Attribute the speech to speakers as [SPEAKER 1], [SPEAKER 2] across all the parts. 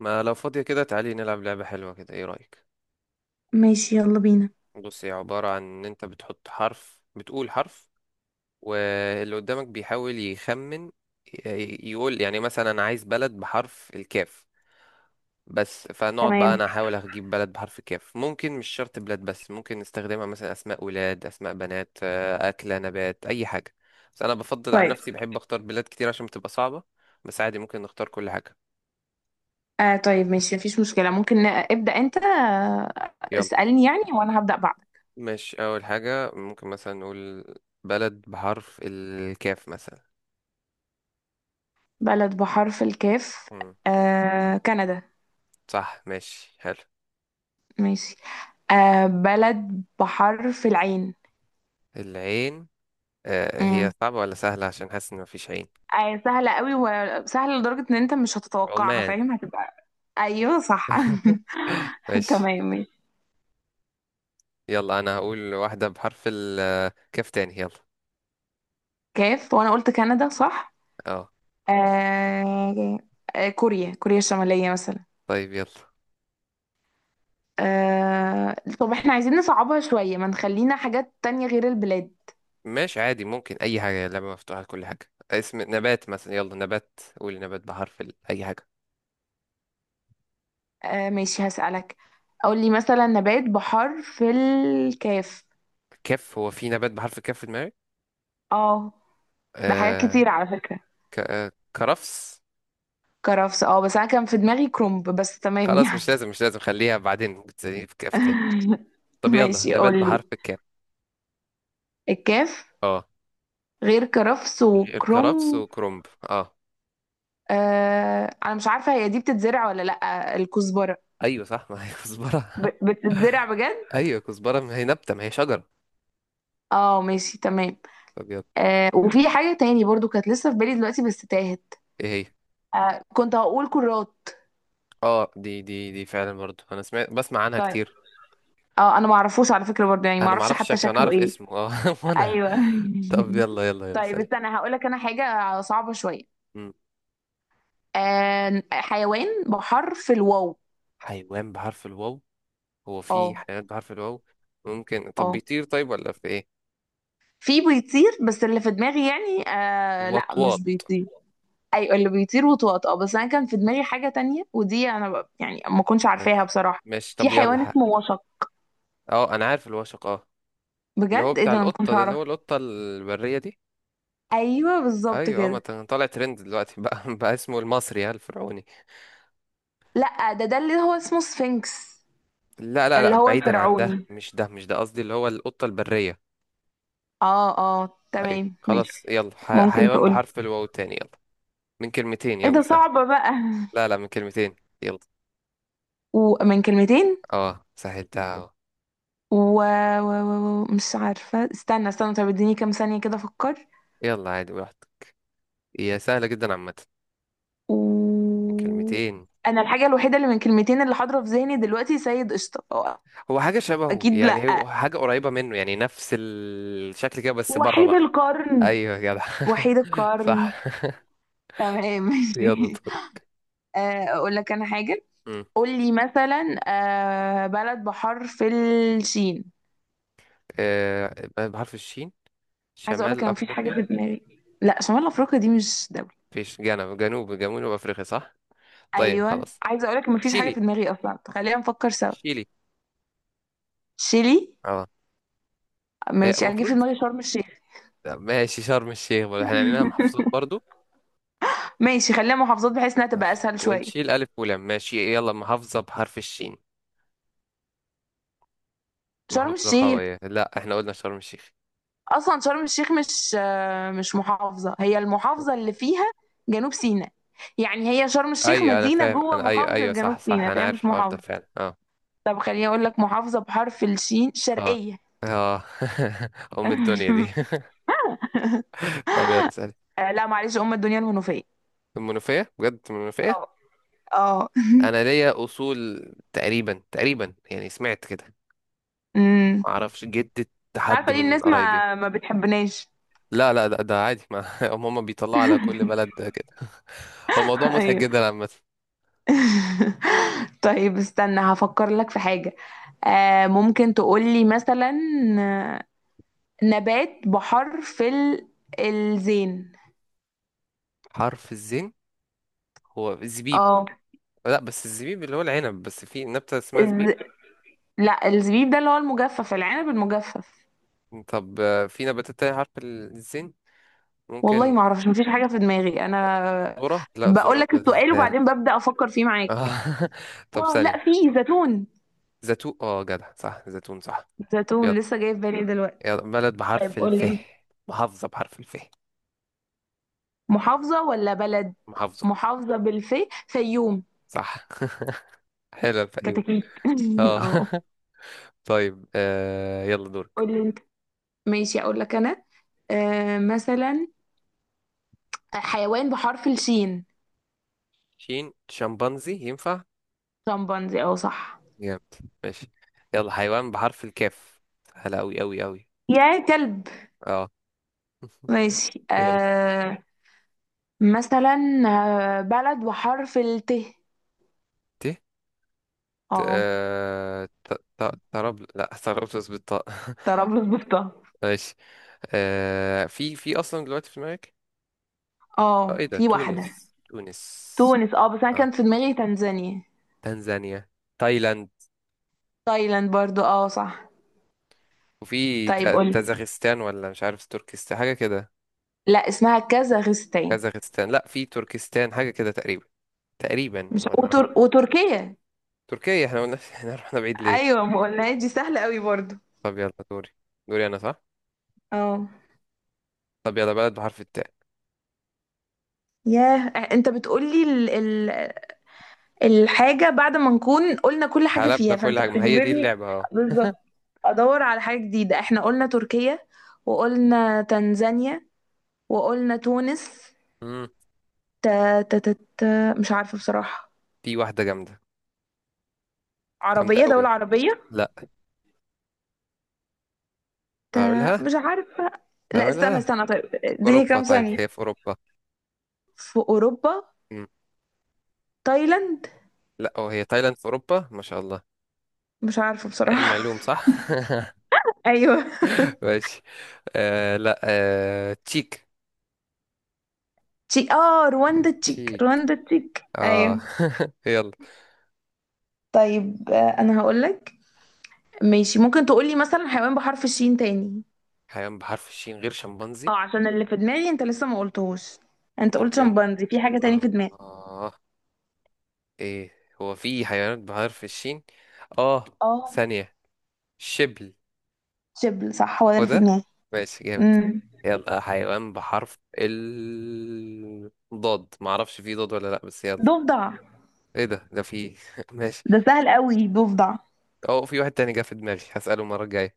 [SPEAKER 1] ما لو فاضية كده، تعالي نلعب لعبة حلوة كده. ايه رأيك؟
[SPEAKER 2] ماشي، يلا بينا.
[SPEAKER 1] بص، هي عبارة عن ان انت بتحط حرف، بتقول حرف واللي قدامك بيحاول يخمن يقول. يعني مثلا انا عايز بلد بحرف الكاف، بس فنقعد بقى
[SPEAKER 2] تمام.
[SPEAKER 1] انا احاول اجيب بلد بحرف الكاف. ممكن مش شرط بلاد، بس ممكن نستخدمها مثلا اسماء ولاد، اسماء بنات، اكلة، نبات، اي حاجة. بس انا بفضل عن
[SPEAKER 2] طيب.
[SPEAKER 1] نفسي بحب اختار بلاد كتير عشان بتبقى صعبة. بس عادي ممكن نختار كل حاجة.
[SPEAKER 2] طيب ماشي، مفيش مشكلة. ممكن ابدأ أنت.
[SPEAKER 1] يلا.
[SPEAKER 2] اسألني يعني، وأنا هبدأ بعدك.
[SPEAKER 1] مش أول حاجة ممكن مثلا نقول بلد بحرف الكاف مثلا.
[SPEAKER 2] بلد بحرف الكاف؟
[SPEAKER 1] مم.
[SPEAKER 2] آه، كندا.
[SPEAKER 1] صح، ماشي، حلو.
[SPEAKER 2] ماشي. آه، بلد بحرف العين.
[SPEAKER 1] العين. آه، هي
[SPEAKER 2] امم
[SPEAKER 1] صعبة ولا سهلة؟ عشان حاسس إن مفيش عين.
[SPEAKER 2] آه، سهلة قوي، وسهلة لدرجة إن أنت مش هتتوقعها،
[SPEAKER 1] عمان.
[SPEAKER 2] فاهم؟ هتبقى أيوه صح.
[SPEAKER 1] ماشي.
[SPEAKER 2] تمام ماشي.
[SPEAKER 1] يلا أنا هقول واحدة بحرف الكاف تاني. يلا.
[SPEAKER 2] كاف، وأنا قلت كندا صح؟
[SPEAKER 1] اه.
[SPEAKER 2] آه. كوريا الشمالية مثلا.
[SPEAKER 1] طيب يلا.
[SPEAKER 2] طب احنا عايزين نصعبها شوية، ما نخلينا حاجات تانية غير البلاد.
[SPEAKER 1] ماشي، عادي، ممكن أي حاجة، لعبة مفتوحة لكل حاجة. اسم نبات مثلا. يلا، نبات. قول نبات بحرف ال... أي حاجة.
[SPEAKER 2] آه ماشي، هسألك. قول لي مثلا نبات بحر في الكاف.
[SPEAKER 1] كاف. هو في نبات بحرف الكاف في دماغك؟
[SPEAKER 2] اه، ده حاجات
[SPEAKER 1] آه.
[SPEAKER 2] كتير على فكرة.
[SPEAKER 1] ك... آه كرفس.
[SPEAKER 2] كرفس؟ اه، بس انا كان في دماغي كرنب، بس تمام
[SPEAKER 1] خلاص،
[SPEAKER 2] يعني.
[SPEAKER 1] مش لازم مش لازم، خليها بعدين بتسليني في كاف تاني. طب يلا،
[SPEAKER 2] ماشي،
[SPEAKER 1] نبات
[SPEAKER 2] قول لي.
[SPEAKER 1] بحرف الكاف.
[SPEAKER 2] الكاف،
[SPEAKER 1] اه،
[SPEAKER 2] غير كرفس
[SPEAKER 1] غير كرفس
[SPEAKER 2] وكرنب.
[SPEAKER 1] وكرنب. اه.
[SPEAKER 2] انا مش عارفة هي دي بتتزرع ولا لأ، الكزبرة؟
[SPEAKER 1] ايوه صح، ما هي كزبرة.
[SPEAKER 2] بتتزرع بجد؟
[SPEAKER 1] ايوه كزبرة، ما هي نبتة، ما هي شجرة.
[SPEAKER 2] اه ماشي تمام.
[SPEAKER 1] طب يلا.
[SPEAKER 2] آه، وفي حاجة تاني برضو كانت لسه في بالي دلوقتي بس تاهت.
[SPEAKER 1] ايه هي؟
[SPEAKER 2] آه، كنت هقول كرات.
[SPEAKER 1] اه، دي فعلا برضو، انا سمعت بسمع عنها
[SPEAKER 2] طيب.
[SPEAKER 1] كتير.
[SPEAKER 2] اه انا ما اعرفوش على فكره برضه، يعني ما
[SPEAKER 1] انا ما
[SPEAKER 2] اعرفش
[SPEAKER 1] اعرفش
[SPEAKER 2] حتى
[SPEAKER 1] شكله، انا
[SPEAKER 2] شكله
[SPEAKER 1] اعرف
[SPEAKER 2] ايه.
[SPEAKER 1] اسمه اه. وانا.
[SPEAKER 2] ايوه.
[SPEAKER 1] طب يلا يلا يلا.
[SPEAKER 2] طيب،
[SPEAKER 1] سلام.
[SPEAKER 2] استنى هقول لك انا حاجه صعبه شويه.
[SPEAKER 1] مم.
[SPEAKER 2] آه، حيوان بحرف الواو.
[SPEAKER 1] حيوان بحرف الواو. هو في
[SPEAKER 2] اه.
[SPEAKER 1] حيوانات بحرف الواو؟ ممكن. طب
[SPEAKER 2] اه،
[SPEAKER 1] بيطير طيب ولا في ايه؟
[SPEAKER 2] في بيطير بس اللي في دماغي يعني، آه لا
[SPEAKER 1] وطواط.
[SPEAKER 2] مش بيطير. ايوه اللي بيطير وطواط، اه بس انا كان في دماغي حاجه تانية، ودي انا يعني ما كنتش عارفاها
[SPEAKER 1] ماشي.
[SPEAKER 2] بصراحه.
[SPEAKER 1] ماشي
[SPEAKER 2] في
[SPEAKER 1] طب يلا
[SPEAKER 2] حيوان اسمه وشق.
[SPEAKER 1] اه انا عارف الوشق. اه، اللي هو
[SPEAKER 2] بجد؟ ايه
[SPEAKER 1] بتاع
[SPEAKER 2] ده، انا ما كنتش
[SPEAKER 1] القطة ده، اللي
[SPEAKER 2] اعرف.
[SPEAKER 1] هو القطة البرية دي.
[SPEAKER 2] ايوه بالظبط
[SPEAKER 1] ايوه، ما
[SPEAKER 2] كده.
[SPEAKER 1] ت- طالع ترند دلوقتي بقى، بقى اسمه المصري ها الفرعوني.
[SPEAKER 2] لا ده اللي هو اسمه سفنكس.
[SPEAKER 1] لا لا
[SPEAKER 2] اللي
[SPEAKER 1] لا،
[SPEAKER 2] هو
[SPEAKER 1] بعيدا عن ده،
[SPEAKER 2] الفرعوني.
[SPEAKER 1] مش ده مش ده قصدي، اللي هو القطة البرية.
[SPEAKER 2] اه اه
[SPEAKER 1] ايوه
[SPEAKER 2] تمام ماشي.
[SPEAKER 1] خلاص، يلا
[SPEAKER 2] ممكن
[SPEAKER 1] حيوان
[SPEAKER 2] تقولي؟
[SPEAKER 1] بحرف الواو تاني يلا. من كلمتين،
[SPEAKER 2] ايه
[SPEAKER 1] يلا
[SPEAKER 2] ده،
[SPEAKER 1] سهل.
[SPEAKER 2] صعبة بقى.
[SPEAKER 1] لا لا، من كلمتين. يلا.
[SPEAKER 2] ومن كلمتين.
[SPEAKER 1] اه سهلتها اهو.
[SPEAKER 2] و... و... مش عارفة، استنى استنى طب اديني كام ثانية كده افكر.
[SPEAKER 1] يلا، عادي براحتك. هي سهلة جدا عامة.
[SPEAKER 2] و...
[SPEAKER 1] من كلمتين.
[SPEAKER 2] انا الحاجة الوحيدة اللي من كلمتين اللي حاضرة في ذهني دلوقتي سيد قشطة، هو؟
[SPEAKER 1] هو حاجة شبهه
[SPEAKER 2] اكيد
[SPEAKER 1] يعني، هو
[SPEAKER 2] لأ.
[SPEAKER 1] حاجة قريبة منه يعني، نفس الشكل كده بس بره
[SPEAKER 2] وحيد
[SPEAKER 1] بقى.
[SPEAKER 2] القرن.
[SPEAKER 1] ايوه يا جدع.
[SPEAKER 2] وحيد القرن.
[SPEAKER 1] صح.
[SPEAKER 2] تمام
[SPEAKER 1] يلا
[SPEAKER 2] ماشي.
[SPEAKER 1] دور.
[SPEAKER 2] آه، اقول لك انا حاجة.
[SPEAKER 1] مم.
[SPEAKER 2] قول لي مثلا، آه، بلد بحرف الشين.
[SPEAKER 1] آه، بحرف الشين.
[SPEAKER 2] عايزه اقول لك
[SPEAKER 1] شمال
[SPEAKER 2] انا مفيش حاجه في
[SPEAKER 1] أفريقيا.
[SPEAKER 2] دماغي. لا، شمال افريقيا دي مش دوله.
[SPEAKER 1] فيش، جنوب أفريقيا صح. طيب
[SPEAKER 2] ايوه
[SPEAKER 1] خلاص،
[SPEAKER 2] عايزه اقول لك مفيش حاجه في
[SPEAKER 1] شيلي.
[SPEAKER 2] دماغي اصلا، خلينا نفكر سوا.
[SPEAKER 1] شيلي.
[SPEAKER 2] شيلي.
[SPEAKER 1] اه. هي
[SPEAKER 2] ماشي، انا جه في
[SPEAKER 1] المفروض.
[SPEAKER 2] دماغي شرم الشيخ.
[SPEAKER 1] ماشي، شرم الشيخ برضه، احنا عندنا محافظات برضو.
[SPEAKER 2] ماشي، خليها محافظات بحيث انها تبقى
[SPEAKER 1] ماشي
[SPEAKER 2] اسهل شويه.
[SPEAKER 1] ونشيل ألف ولام. ماشي يلا، محافظة بحرف الشين.
[SPEAKER 2] شرم
[SPEAKER 1] محافظة
[SPEAKER 2] الشيخ.
[SPEAKER 1] قوية، لا احنا قلنا شرم الشيخ.
[SPEAKER 2] اصلا شرم الشيخ مش، مش محافظه، هي المحافظه اللي فيها جنوب سيناء. يعني هي شرم الشيخ
[SPEAKER 1] أيوة أنا
[SPEAKER 2] مدينه
[SPEAKER 1] فاهم،
[SPEAKER 2] جوه
[SPEAKER 1] أنا أيوة
[SPEAKER 2] محافظه
[SPEAKER 1] أيوة صح
[SPEAKER 2] جنوب
[SPEAKER 1] صح،
[SPEAKER 2] سيناء،
[SPEAKER 1] أنا
[SPEAKER 2] فهي
[SPEAKER 1] عارف
[SPEAKER 2] مش
[SPEAKER 1] الحوار ده
[SPEAKER 2] محافظه.
[SPEAKER 1] فعلا. اه.
[SPEAKER 2] طب خليني اقول لك محافظه بحرف الشين،
[SPEAKER 1] اه.
[SPEAKER 2] شرقيه.
[SPEAKER 1] اه. أم الدنيا دي. طب يلا سألي.
[SPEAKER 2] آه، لا معلش، ام الدنيا الهنوفيه.
[SPEAKER 1] المنوفية؟ بجد المنوفية.
[SPEAKER 2] اه.
[SPEAKER 1] انا ليا اصول تقريبا تقريبا، يعني سمعت كده.
[SPEAKER 2] امم
[SPEAKER 1] ما اعرفش جدة،
[SPEAKER 2] مش
[SPEAKER 1] حد
[SPEAKER 2] عارفه ليه
[SPEAKER 1] من
[SPEAKER 2] الناس
[SPEAKER 1] قرايبي.
[SPEAKER 2] ما بتحبناش.
[SPEAKER 1] لا لا، ده, عادي، ما هم بيطلعوا على كل بلد كده. هو موضوع مضحك
[SPEAKER 2] ايوه.
[SPEAKER 1] جدا عامة.
[SPEAKER 2] طيب استنى هفكر لك في حاجه. آه، ممكن تقولي مثلا، آه، نبات بحرف ال، الزين.
[SPEAKER 1] حرف الزين. هو الزبيب.
[SPEAKER 2] اه.
[SPEAKER 1] لا بس الزبيب اللي هو العنب، بس في نبتة اسمها
[SPEAKER 2] الز...
[SPEAKER 1] زبيب.
[SPEAKER 2] لا الزبيب ده اللي هو المجفف، العنب المجفف.
[SPEAKER 1] طب في نباتات تانية حرف الزين؟
[SPEAKER 2] والله
[SPEAKER 1] ممكن.
[SPEAKER 2] ما اعرفش مفيش حاجه في دماغي انا.
[SPEAKER 1] ذرة؟ لا،
[SPEAKER 2] بقول
[SPEAKER 1] ذرة
[SPEAKER 2] لك السؤال
[SPEAKER 1] بالذال.
[SPEAKER 2] وبعدين ببدأ افكر فيه معاك.
[SPEAKER 1] آه. طب
[SPEAKER 2] اه لا،
[SPEAKER 1] ثانية.
[SPEAKER 2] في زيتون.
[SPEAKER 1] زيتون. اه جدع صح زيتون صح. طب يلا.
[SPEAKER 2] زيتون لسه جاي في بالي دلوقتي.
[SPEAKER 1] يلا، بلد بحرف
[SPEAKER 2] طيب
[SPEAKER 1] الف.
[SPEAKER 2] قولي.
[SPEAKER 1] محافظة بحرف الف.
[SPEAKER 2] محافظة ولا بلد؟
[SPEAKER 1] محافظة.
[SPEAKER 2] محافظة بالفي، فيوم.
[SPEAKER 1] صح. حلو الفيوم.
[SPEAKER 2] كتاكيت.
[SPEAKER 1] اه.
[SPEAKER 2] اه.
[SPEAKER 1] طيب يلا دورك.
[SPEAKER 2] قولي انت. ماشي اقول لك انا، آه مثلا، حيوان بحرف الشين.
[SPEAKER 1] شين. شمبانزي ينفع.
[SPEAKER 2] شمبانزي، اه صح.
[SPEAKER 1] جامد. ماشي. يلا، حيوان بحرف الكاف. سهلة أوي أوي أوي.
[SPEAKER 2] يا كلب.
[SPEAKER 1] اه.
[SPEAKER 2] ماشي.
[SPEAKER 1] يلا.
[SPEAKER 2] آه مثلا، آه، بلد بحرف الت.
[SPEAKER 1] ت. ت،
[SPEAKER 2] اه
[SPEAKER 1] تراب، لا ترابلس بالطاء.
[SPEAKER 2] طرابلس بالطه.
[SPEAKER 1] ماشي. آه، في أصلا دلوقتي في دماغك؟ اه،
[SPEAKER 2] اه
[SPEAKER 1] ايه ده؟
[SPEAKER 2] في واحدة.
[SPEAKER 1] تونس. تونس.
[SPEAKER 2] تونس، اه بس انا
[SPEAKER 1] اه،
[SPEAKER 2] كان في دماغي تنزانيا.
[SPEAKER 1] تنزانيا، تايلاند.
[SPEAKER 2] تايلاند برضو اه صح.
[SPEAKER 1] وفي
[SPEAKER 2] طيب قولي.
[SPEAKER 1] تازاخستان، ولا مش عارف تركستان، حاجة كده.
[SPEAKER 2] لا اسمها كازاخستان.
[SPEAKER 1] كازاخستان؟ لا، في تركستان حاجة كده تقريبا، تقريبا،
[SPEAKER 2] مش وتركيا.
[SPEAKER 1] تركيا. احنا قلنا، احنا رحنا بعيد ليه.
[SPEAKER 2] ايوه ما قلناهاش، دي سهله قوي برضو.
[SPEAKER 1] طب يلا دوري. دوري انا صح.
[SPEAKER 2] اه.
[SPEAKER 1] طب يلا، بلد بحرف التاء.
[SPEAKER 2] ياه. انت بتقولي الحاجه بعد ما نكون قلنا كل حاجه
[SPEAKER 1] حلبنا
[SPEAKER 2] فيها،
[SPEAKER 1] كل
[SPEAKER 2] فانت
[SPEAKER 1] حاجة، ما هي دي
[SPEAKER 2] بتجبرني.
[SPEAKER 1] اللعبة اه.
[SPEAKER 2] بالظبط. ادور على حاجه جديده، احنا قلنا تركيا، وقلنا تنزانيا، وقلنا تونس.
[SPEAKER 1] مم.
[SPEAKER 2] ت... ت... ت... ت... مش عارفه بصراحه.
[SPEAKER 1] في واحدة جامدة. جامدة
[SPEAKER 2] عربيه، دوله
[SPEAKER 1] قوي.
[SPEAKER 2] عربيه.
[SPEAKER 1] لا.
[SPEAKER 2] ت... مش
[SPEAKER 1] هقولها.
[SPEAKER 2] عارفه. لا استنى
[SPEAKER 1] هقولها.
[SPEAKER 2] استنى طيب اديني
[SPEAKER 1] أوروبا.
[SPEAKER 2] كام
[SPEAKER 1] طيب،
[SPEAKER 2] ثانيه.
[SPEAKER 1] هي في أوروبا.
[SPEAKER 2] في اوروبا.
[SPEAKER 1] مم.
[SPEAKER 2] تايلاند؟
[SPEAKER 1] لا، أو هي تايلاند في أوروبا، ما شاء الله.
[SPEAKER 2] مش عارفه
[SPEAKER 1] علم
[SPEAKER 2] بصراحه.
[SPEAKER 1] علوم صح.
[SPEAKER 2] ايوه
[SPEAKER 1] ماشي. آه لا، آه تشيك.
[SPEAKER 2] تشيك. اه رواندا، تشيك
[SPEAKER 1] تشيك.
[SPEAKER 2] رواندا تشيك
[SPEAKER 1] اه.
[SPEAKER 2] ايوه.
[SPEAKER 1] يلا.
[SPEAKER 2] طيب آه، انا هقولك. ماشي، ممكن تقولي مثلا حيوان بحرف الشين تاني.
[SPEAKER 1] حيوان بحرف الشين غير شمبانزي.
[SPEAKER 2] اه عشان اللي في دماغي انت لسه ما قلتهوش. انت قلت
[SPEAKER 1] ممكن.
[SPEAKER 2] شمبانزي، في حاجة تاني
[SPEAKER 1] آه.
[SPEAKER 2] في دماغي.
[SPEAKER 1] آه. إيه. هو في حيوانات بحرف الشين؟ آه.
[SPEAKER 2] اه
[SPEAKER 1] ثانية. شبل.
[SPEAKER 2] شبل، صح هو ده
[SPEAKER 1] هو
[SPEAKER 2] اللي في
[SPEAKER 1] ده.
[SPEAKER 2] دماغي.
[SPEAKER 1] ماشي جامد.
[SPEAKER 2] امم
[SPEAKER 1] يلا، حيوان بحرف ال ضاد، معرفش في ضاد ولا لأ بس يلا.
[SPEAKER 2] ضفدع.
[SPEAKER 1] إيه ده؟ ده في. ماشي.
[SPEAKER 2] ده سهل قوي ضفدع.
[SPEAKER 1] أه، في واحد تاني جه في دماغي، هسأله المرة الجاية.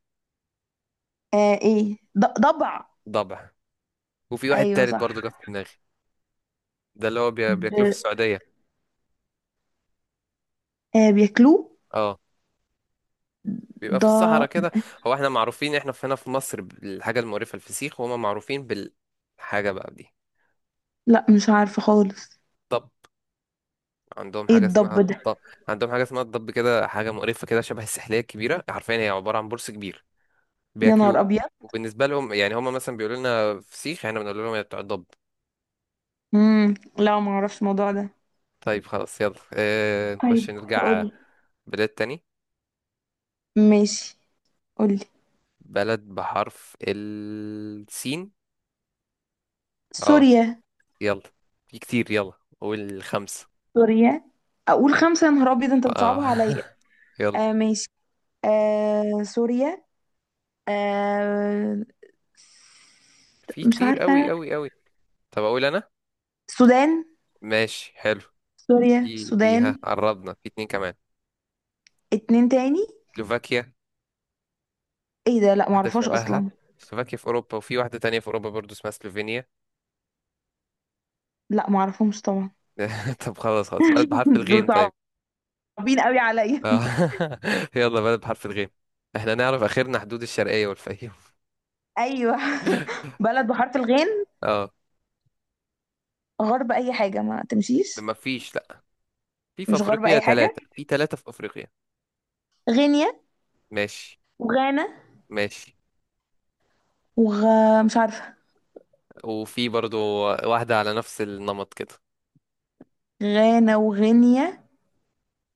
[SPEAKER 2] آه ايه، ضبع.
[SPEAKER 1] ضبع. وفي واحد
[SPEAKER 2] ايوه
[SPEAKER 1] تالت
[SPEAKER 2] صح.
[SPEAKER 1] برضه جه في دماغي. ده اللي هو
[SPEAKER 2] د...
[SPEAKER 1] بياكلوه في السعودية.
[SPEAKER 2] آه بياكلوه.
[SPEAKER 1] اه. بيبقى في
[SPEAKER 2] ض
[SPEAKER 1] الصحراء كده. هو احنا معروفين، احنا في هنا في مصر، بالحاجة المقرفة الفسيخ، وهما معروفين بالحاجة بقى دي.
[SPEAKER 2] لا مش عارفة خالص.
[SPEAKER 1] طب، عندهم
[SPEAKER 2] ايه
[SPEAKER 1] حاجة
[SPEAKER 2] الضب
[SPEAKER 1] اسمها
[SPEAKER 2] ده؟
[SPEAKER 1] الط... عندهم حاجة اسمها الضب، كده حاجة مقرفة كده شبه السحلية الكبيرة، حرفيا هي عبارة عن برص كبير.
[SPEAKER 2] يا نهار
[SPEAKER 1] بياكلوه.
[SPEAKER 2] ابيض.
[SPEAKER 1] وبالنسبة لهم يعني هما مثلا بيقولوا لنا فسيخ، احنا بنقول لهم يا بتوع الضب.
[SPEAKER 2] لا ما اعرفش الموضوع ده.
[SPEAKER 1] طيب خلاص يلا. اه
[SPEAKER 2] طيب
[SPEAKER 1] نخش نرجع
[SPEAKER 2] قول.
[SPEAKER 1] بلاد تاني.
[SPEAKER 2] ماشي قولي.
[SPEAKER 1] بلد بحرف السين. اه
[SPEAKER 2] سوريا.
[SPEAKER 1] يلا، في كتير يلا، قول خمسة.
[SPEAKER 2] سوريا. اقول خمسة، يا نهار ابيض انت
[SPEAKER 1] اه.
[SPEAKER 2] بتصعبها عليا.
[SPEAKER 1] يلا.
[SPEAKER 2] آه ماشي. آه سوريا. آه
[SPEAKER 1] في
[SPEAKER 2] مش
[SPEAKER 1] كتير قوي
[SPEAKER 2] عارفة.
[SPEAKER 1] قوي قوي. طب اقول انا.
[SPEAKER 2] السودان.
[SPEAKER 1] ماشي حلو.
[SPEAKER 2] سوريا،
[SPEAKER 1] في فيها،
[SPEAKER 2] السودان.
[SPEAKER 1] قربنا، في اتنين كمان.
[SPEAKER 2] اتنين تاني.
[SPEAKER 1] سلوفاكيا.
[SPEAKER 2] ايه ده، لا
[SPEAKER 1] واحدة
[SPEAKER 2] معرفهاش
[SPEAKER 1] شبهها،
[SPEAKER 2] اصلا.
[SPEAKER 1] سلوفاكيا في أوروبا، وفي واحدة تانية في أوروبا برضو اسمها سلوفينيا.
[SPEAKER 2] لا معرفهمش طبعا.
[SPEAKER 1] طب خلاص خلاص، بلد بحرف
[SPEAKER 2] دول
[SPEAKER 1] الغين طيب.
[SPEAKER 2] صعبين قوي عليا.
[SPEAKER 1] آه. يلا، بلد بحرف الغين. احنا نعرف آخرنا حدود الشرقية والفيوم.
[SPEAKER 2] ايوه. بلد بحرف الغين،
[SPEAKER 1] اه.
[SPEAKER 2] غرب اي حاجة ما تمشيش.
[SPEAKER 1] ما فيش. لا. في في
[SPEAKER 2] مش غرب
[SPEAKER 1] أفريقيا
[SPEAKER 2] اي
[SPEAKER 1] ثلاثة،
[SPEAKER 2] حاجة.
[SPEAKER 1] في ثلاثة في أفريقيا.
[SPEAKER 2] غينيا.
[SPEAKER 1] ماشي.
[SPEAKER 2] وغانا.
[SPEAKER 1] ماشي.
[SPEAKER 2] وغ مش عارفة.
[SPEAKER 1] وفي برضو واحدة على نفس النمط كده.
[SPEAKER 2] غانا وغينيا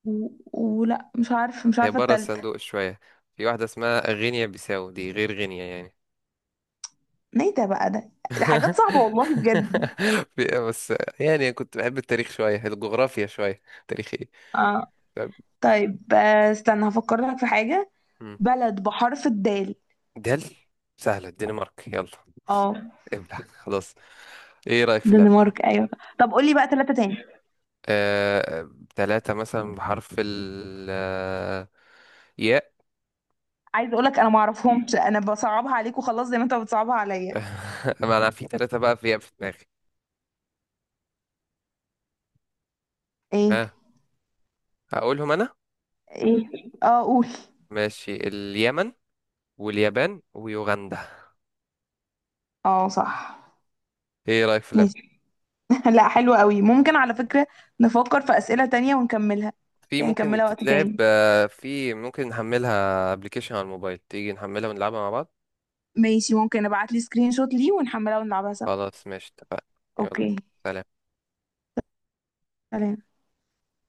[SPEAKER 2] و... ولا مش عارفة، مش
[SPEAKER 1] هي
[SPEAKER 2] عارفة
[SPEAKER 1] بره
[SPEAKER 2] التالتة.
[SPEAKER 1] الصندوق شوية، في واحدة اسمها غينيا بيساو، دي غير غينيا يعني.
[SPEAKER 2] ايه ده بقى ده. ده حاجات صعبة والله بجد.
[SPEAKER 1] بس، يعني كنت بحب التاريخ شوية، الجغرافيا شوية. تاريخ.
[SPEAKER 2] اه
[SPEAKER 1] طب.
[SPEAKER 2] طيب، آه، استنى هفكر لك في حاجة.
[SPEAKER 1] مم.
[SPEAKER 2] بلد بحرف الدال.
[SPEAKER 1] دل. سهلة، الدنمارك يلا.
[SPEAKER 2] اه
[SPEAKER 1] ابلع خلاص. ايه رأيك في اللعبة؟
[SPEAKER 2] دنمارك ايوه. طب قولي بقى ثلاثة تاني.
[SPEAKER 1] آه... ثلاثة مثلا بحرف ال ياء.
[SPEAKER 2] عايز اقولك انا ما اعرفهمش، انا بصعبها عليك وخلاص زي ما انت بتصعبها عليا.
[SPEAKER 1] ما انا في ثلاثة بقى في ياء في دماغي.
[SPEAKER 2] ايه.
[SPEAKER 1] ها. هقولهم انا.
[SPEAKER 2] ايه. اه قول.
[SPEAKER 1] ماشي، اليمن، واليابان، ويوغندا.
[SPEAKER 2] اه صح
[SPEAKER 1] ايه رأيك في اللعبة؟
[SPEAKER 2] ماشي. لا حلو قوي، ممكن على فكرة نفكر في أسئلة تانية ونكملها.
[SPEAKER 1] في
[SPEAKER 2] يعني
[SPEAKER 1] ممكن
[SPEAKER 2] نكملها وقت
[SPEAKER 1] تتلعب،
[SPEAKER 2] تاني.
[SPEAKER 1] في ممكن نحملها ابلكيشن على الموبايل، تيجي نحملها ونلعبها مع بعض.
[SPEAKER 2] ماشي، ممكن ابعت لي سكرين شوت ليه ونحملها ونلعبها سوا.
[SPEAKER 1] خلاص ماشي اتفقنا. يلا.
[SPEAKER 2] اوكي.
[SPEAKER 1] سلام.
[SPEAKER 2] سلام.